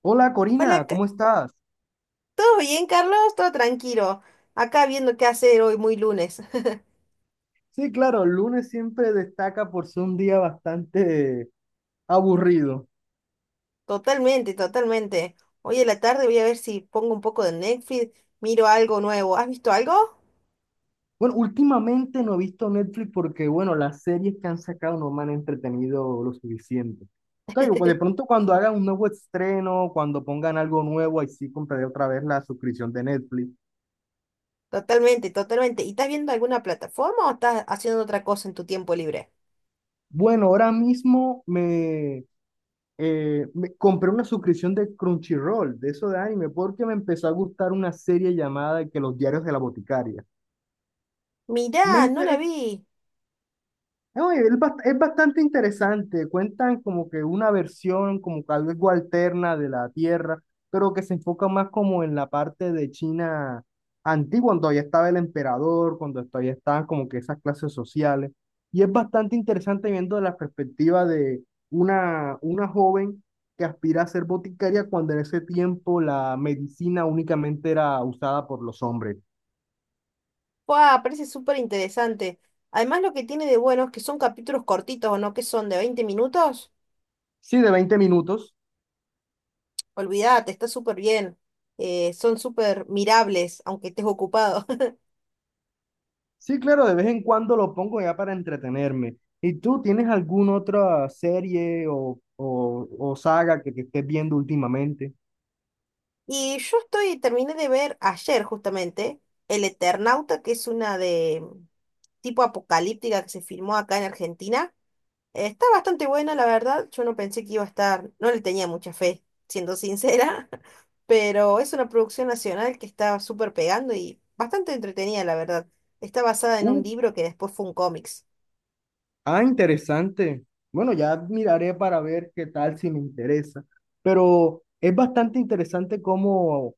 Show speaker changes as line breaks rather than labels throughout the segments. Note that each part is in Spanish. Hola
Hola,
Corina, ¿cómo estás?
¿Todo bien, Carlos? Todo tranquilo. Acá viendo qué hacer hoy, muy lunes.
Sí, claro, el lunes siempre destaca por ser un día bastante aburrido.
Totalmente, totalmente. Hoy en la tarde voy a ver si pongo un poco de Netflix, miro algo nuevo. ¿Has visto algo?
Bueno, últimamente no he visto Netflix porque, bueno, las series que han sacado no me han entretenido lo suficiente. Entonces, pues, de pronto cuando hagan un nuevo estreno, cuando pongan algo nuevo, ahí sí compraré otra vez la suscripción de Netflix.
Totalmente, totalmente. ¿Y estás viendo alguna plataforma o estás haciendo otra cosa en tu tiempo libre?
Bueno, ahora mismo me compré una suscripción de Crunchyroll, de eso de anime, porque me empezó a gustar una serie llamada que Los Diarios de la Boticaria.
Mirá,
Me
no la
interesa.
vi.
No, es bastante interesante. Cuentan como que una versión, como que algo alterna de la Tierra, pero que se enfoca más como en la parte de China antigua, cuando todavía estaba el emperador, cuando todavía estaban como que esas clases sociales. Y es bastante interesante viendo la perspectiva de una joven que aspira a ser boticaria cuando en ese tiempo la medicina únicamente era usada por los hombres.
¡Wow! Parece súper interesante. Además, lo que tiene de bueno es que son capítulos cortitos, ¿o no? Que son de 20 minutos.
Sí, de 20 minutos.
Olvídate, está súper bien. Son súper mirables, aunque estés ocupado.
Sí, claro, de vez en cuando lo pongo ya para entretenerme. ¿Y tú tienes alguna otra serie o saga que estés viendo últimamente?
Y yo estoy, terminé de ver ayer justamente El Eternauta, que es una de tipo apocalíptica que se filmó acá en Argentina. Está bastante buena, la verdad. Yo no pensé que iba a estar, no le tenía mucha fe, siendo sincera, pero es una producción nacional que está súper pegando y bastante entretenida, la verdad. Está basada en
Uh,
un libro que después fue un cómics.
ah, interesante. Bueno, ya miraré para ver qué tal si me interesa. Pero es bastante interesante cómo,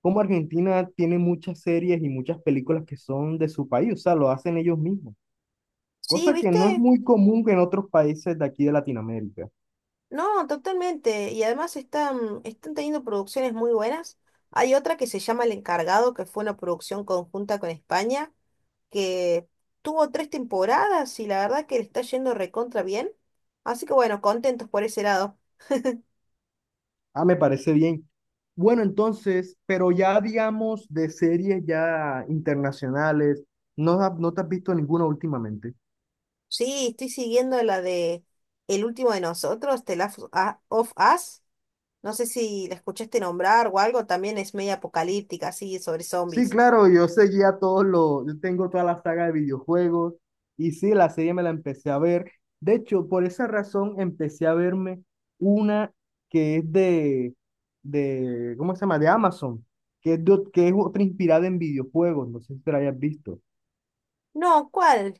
cómo Argentina tiene muchas series y muchas películas que son de su país, o sea, lo hacen ellos mismos,
Sí,
cosa que no es
¿viste?
muy común en otros países de aquí de Latinoamérica.
No, totalmente. Y además están teniendo producciones muy buenas. Hay otra que se llama El Encargado, que fue una producción conjunta con España, que tuvo 3 temporadas y la verdad que le está yendo recontra bien. Así que bueno, contentos por ese lado.
Ah, me parece bien. Bueno, entonces, pero ya digamos de series ya internacionales, ¿ no te has visto ninguna últimamente?
Sí, estoy siguiendo la de El último de nosotros, The Last of Us. No sé si la escuchaste nombrar o algo, también es media apocalíptica, así, sobre
Sí,
zombies.
claro, yo seguía todos los, yo tengo toda la saga de videojuegos y sí, la serie me la empecé a ver. De hecho, por esa razón empecé a verme una que es ¿cómo se llama? De Amazon, que que es otra inspirada en videojuegos, no sé si te la hayas visto.
No, ¿cuál?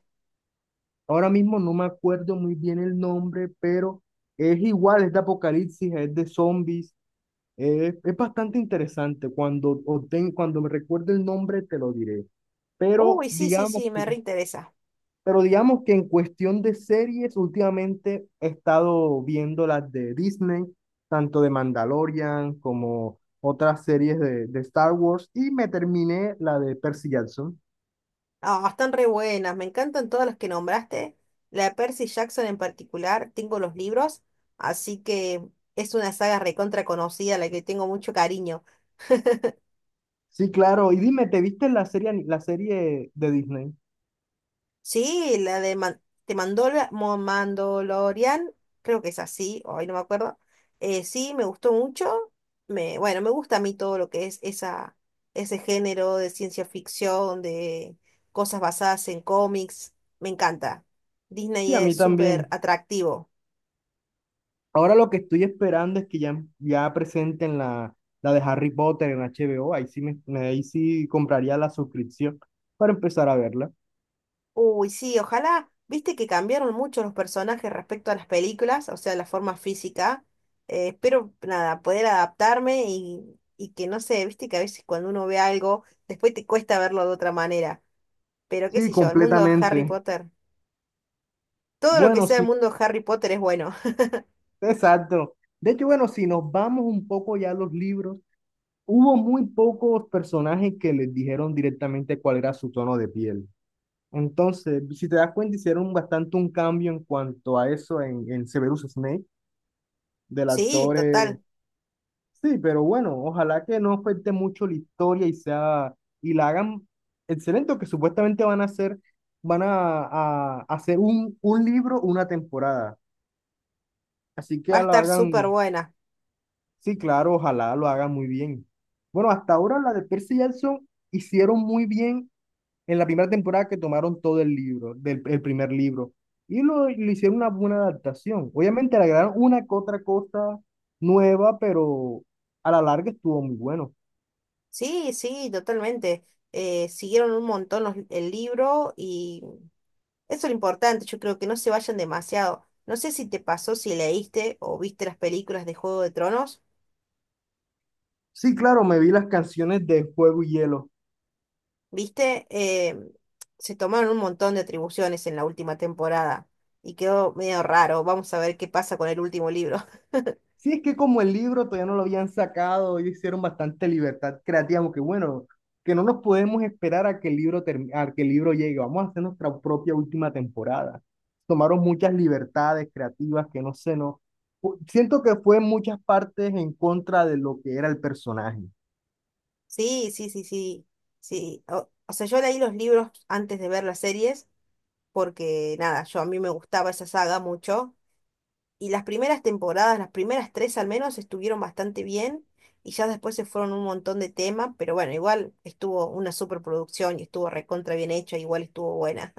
Ahora mismo no me acuerdo muy bien el nombre, pero es igual, es de apocalipsis, es de zombies, es bastante interesante. Cuando me recuerde el nombre, te lo diré. Pero
Uy, sí, sí,
digamos,
sí,
que-
me reinteresa.
pero digamos que en cuestión de series, últimamente he estado viendo las de Disney, tanto de Mandalorian como otras series de Star Wars, y me terminé la de Percy Jackson.
Ah, están re buenas, me encantan todas las que nombraste. La de Percy Jackson en particular, tengo los libros, así que es una saga recontra conocida, a la que tengo mucho cariño.
Sí, claro. Y dime, ¿te viste la serie, ani- la serie de Disney?
Sí, la de Mandalorian, creo que es así, hoy no me acuerdo. Sí, me gustó mucho. Me, bueno, me gusta a mí todo lo que es esa, ese género de ciencia ficción, de cosas basadas en cómics, me encanta. Disney
Sí, a mí
es súper
también.
atractivo.
Ahora lo que estoy esperando es que ya presenten la de Harry Potter en HBO. Ahí sí, ahí sí compraría la suscripción para empezar a verla.
Uy, sí, ojalá, viste que cambiaron mucho los personajes respecto a las películas, o sea, la forma física. Espero, nada, poder adaptarme y que no sé, viste que a veces cuando uno ve algo, después te cuesta verlo de otra manera. Pero qué
Sí,
sé yo, el mundo de Harry
completamente.
Potter. Todo lo que
Bueno,
sea el
sí,
mundo de Harry Potter es bueno.
exacto. De hecho, bueno, si nos vamos un poco ya a los libros, hubo muy pocos personajes que les dijeron directamente cuál era su tono de piel. Entonces, si te das cuenta, hicieron bastante un cambio en cuanto a eso en Severus Snape, del
Sí,
actor.
total,
Sí, pero bueno, ojalá que no afecte mucho la historia y sea, y la hagan excelente, que supuestamente van a hacer, van a, a hacer un libro, una temporada. Así que
va a
la
estar
hagan,
súper buena.
sí, claro, ojalá lo hagan muy bien. Bueno, hasta ahora la de Percy Jackson hicieron muy bien en la primera temporada que tomaron todo el libro, el primer libro, y le hicieron una buena adaptación. Obviamente le agregaron una que otra cosa nueva, pero a la larga estuvo muy bueno.
Sí, sí, totalmente. Siguieron un montón el libro y eso es lo importante, yo creo que no se vayan demasiado. No sé si te pasó, si leíste o viste las películas de Juego de Tronos,
Sí, claro, me vi las canciones de Fuego y Hielo.
viste, se tomaron un montón de atribuciones en la última temporada y quedó medio raro. Vamos a ver qué pasa con el último libro.
Sí, es que como el libro todavía no lo habían sacado, ellos hicieron bastante libertad creativa, porque bueno, que no nos podemos esperar a que a que el libro llegue, vamos a hacer nuestra propia última temporada. Tomaron muchas libertades creativas que no sé, no. Siento que fue en muchas partes en contra de lo que era el personaje.
Sí, sí, sí, sí, sí. O sea, yo leí los libros antes de ver las series porque, nada, yo a mí me gustaba esa saga mucho. Y las primeras temporadas, las primeras tres al menos, estuvieron bastante bien y ya después se fueron un montón de temas, pero bueno, igual estuvo una superproducción y estuvo recontra bien hecha, igual estuvo buena.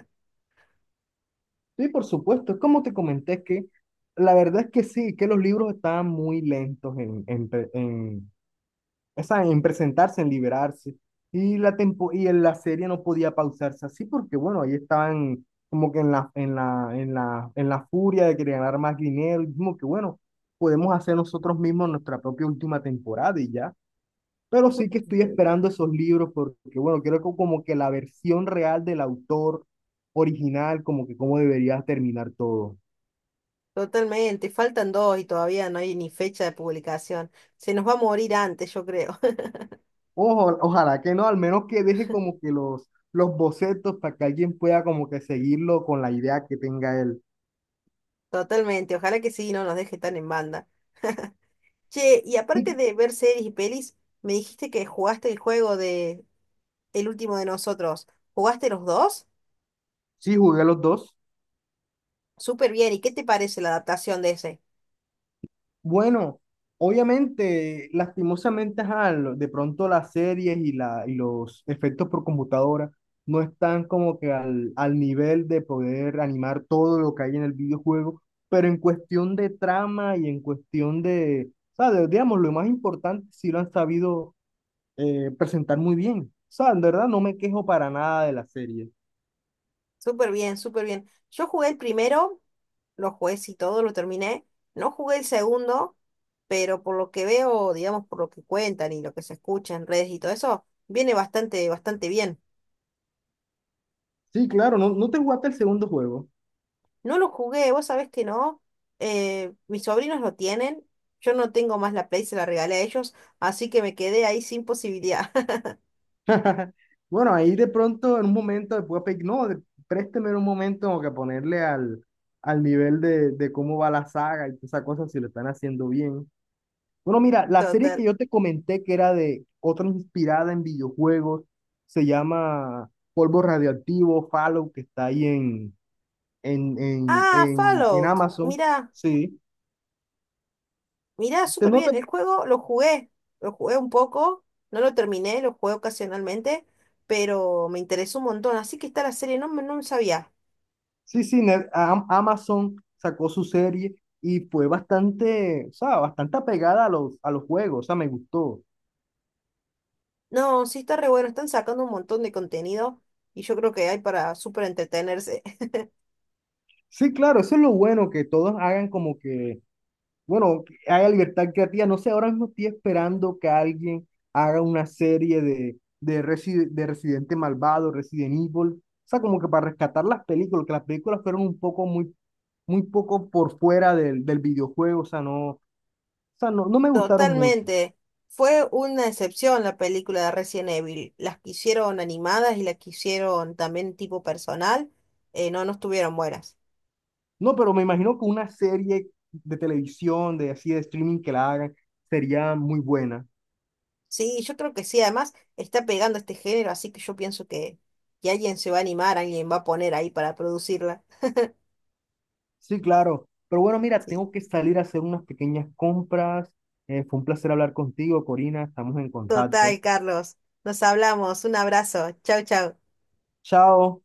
Sí, por supuesto, es como te comenté, que la verdad es que sí, que los libros estaban muy lentos en presentarse, en liberarse. Y en la serie no podía pausarse así porque, bueno, ahí estaban como que en la furia de querer ganar más dinero. Y como que, bueno, podemos hacer nosotros mismos nuestra propia última temporada y ya. Pero sí que estoy esperando esos libros porque, bueno, como que la versión real del autor original, como que cómo debería terminar todo.
Totalmente, faltan dos y todavía no hay ni fecha de publicación. Se nos va a morir antes, yo creo.
Ojalá que no, al menos que deje como que los bocetos para que alguien pueda como que seguirlo con la idea que tenga él.
Totalmente, ojalá que sí, no nos deje tan en banda. Che, y
Sí,
aparte
que-
de ver series y pelis, me dijiste que jugaste el juego de El último de nosotros. ¿Jugaste los dos?
sí, jugué los dos.
Súper bien, ¿y qué te parece la adaptación de ese?
Bueno, obviamente, lastimosamente, ajá, de pronto las series y los efectos por computadora no están como que al nivel de poder animar todo lo que hay en el videojuego, pero en cuestión de trama y en cuestión de, ¿sabes? Digamos, lo más importante sí lo han sabido presentar muy bien. O sea, en verdad no me quejo para nada de la serie.
Súper bien, súper bien. Yo jugué el primero, lo jugué y todo, lo terminé. No jugué el segundo, pero por lo que veo, digamos, por lo que cuentan y lo que se escucha en redes y todo eso, viene bastante, bastante bien.
Sí, claro, no, no te jugaste el segundo juego.
No lo jugué, vos sabés que no. Mis sobrinos lo tienen. Yo no tengo más la Play, se la regalé a ellos, así que me quedé ahí sin posibilidad.
Bueno, ahí de pronto en un momento después pe- no, de- présteme un momento como que ponerle al nivel de cómo va la saga y todas esas cosas si lo están haciendo bien. Bueno, mira, la serie que
Total.
yo te comenté que era de otra inspirada en videojuegos, se llama Polvo Radioactivo, Fallout, que está ahí
Ah,
en
Fallout.
Amazon.
Mirá.
Sí,
Mirá,
te,
súper
no te
bien. El juego lo jugué un poco, no lo terminé, lo jugué ocasionalmente, pero me interesó un montón. Así que está la serie, no sabía.
Sí, Amazon sacó su serie y fue bastante, o sea, bastante apegada a los juegos, o sea, me gustó.
No, sí está re bueno, están sacando un montón de contenido y yo creo que hay para súper entretenerse.
Sí, claro, eso es lo bueno, que todos hagan como que, bueno, que haya libertad creativa. No sé, ahora mismo estoy esperando que alguien haga una serie de Residente Malvado, Resident Evil, o sea, como que para rescatar las películas, que las películas fueron un poco, muy, muy poco por fuera del videojuego, o sea, no, no me gustaron mucho.
Totalmente. Fue una excepción la película de Resident Evil. Las que hicieron animadas y las que hicieron también tipo personal, no, no estuvieron buenas.
No, pero me imagino que una serie de televisión, de así de streaming que la hagan, sería muy buena.
Sí, yo creo que sí, además está pegando este género, así que yo pienso que alguien se va a animar, alguien va a poner ahí para producirla.
Sí, claro. Pero bueno, mira,
Sí.
tengo que salir a hacer unas pequeñas compras. Fue un placer hablar contigo, Corina. Estamos en contacto.
Total, Carlos. Nos hablamos. Un abrazo. Chau, chau.
Chao.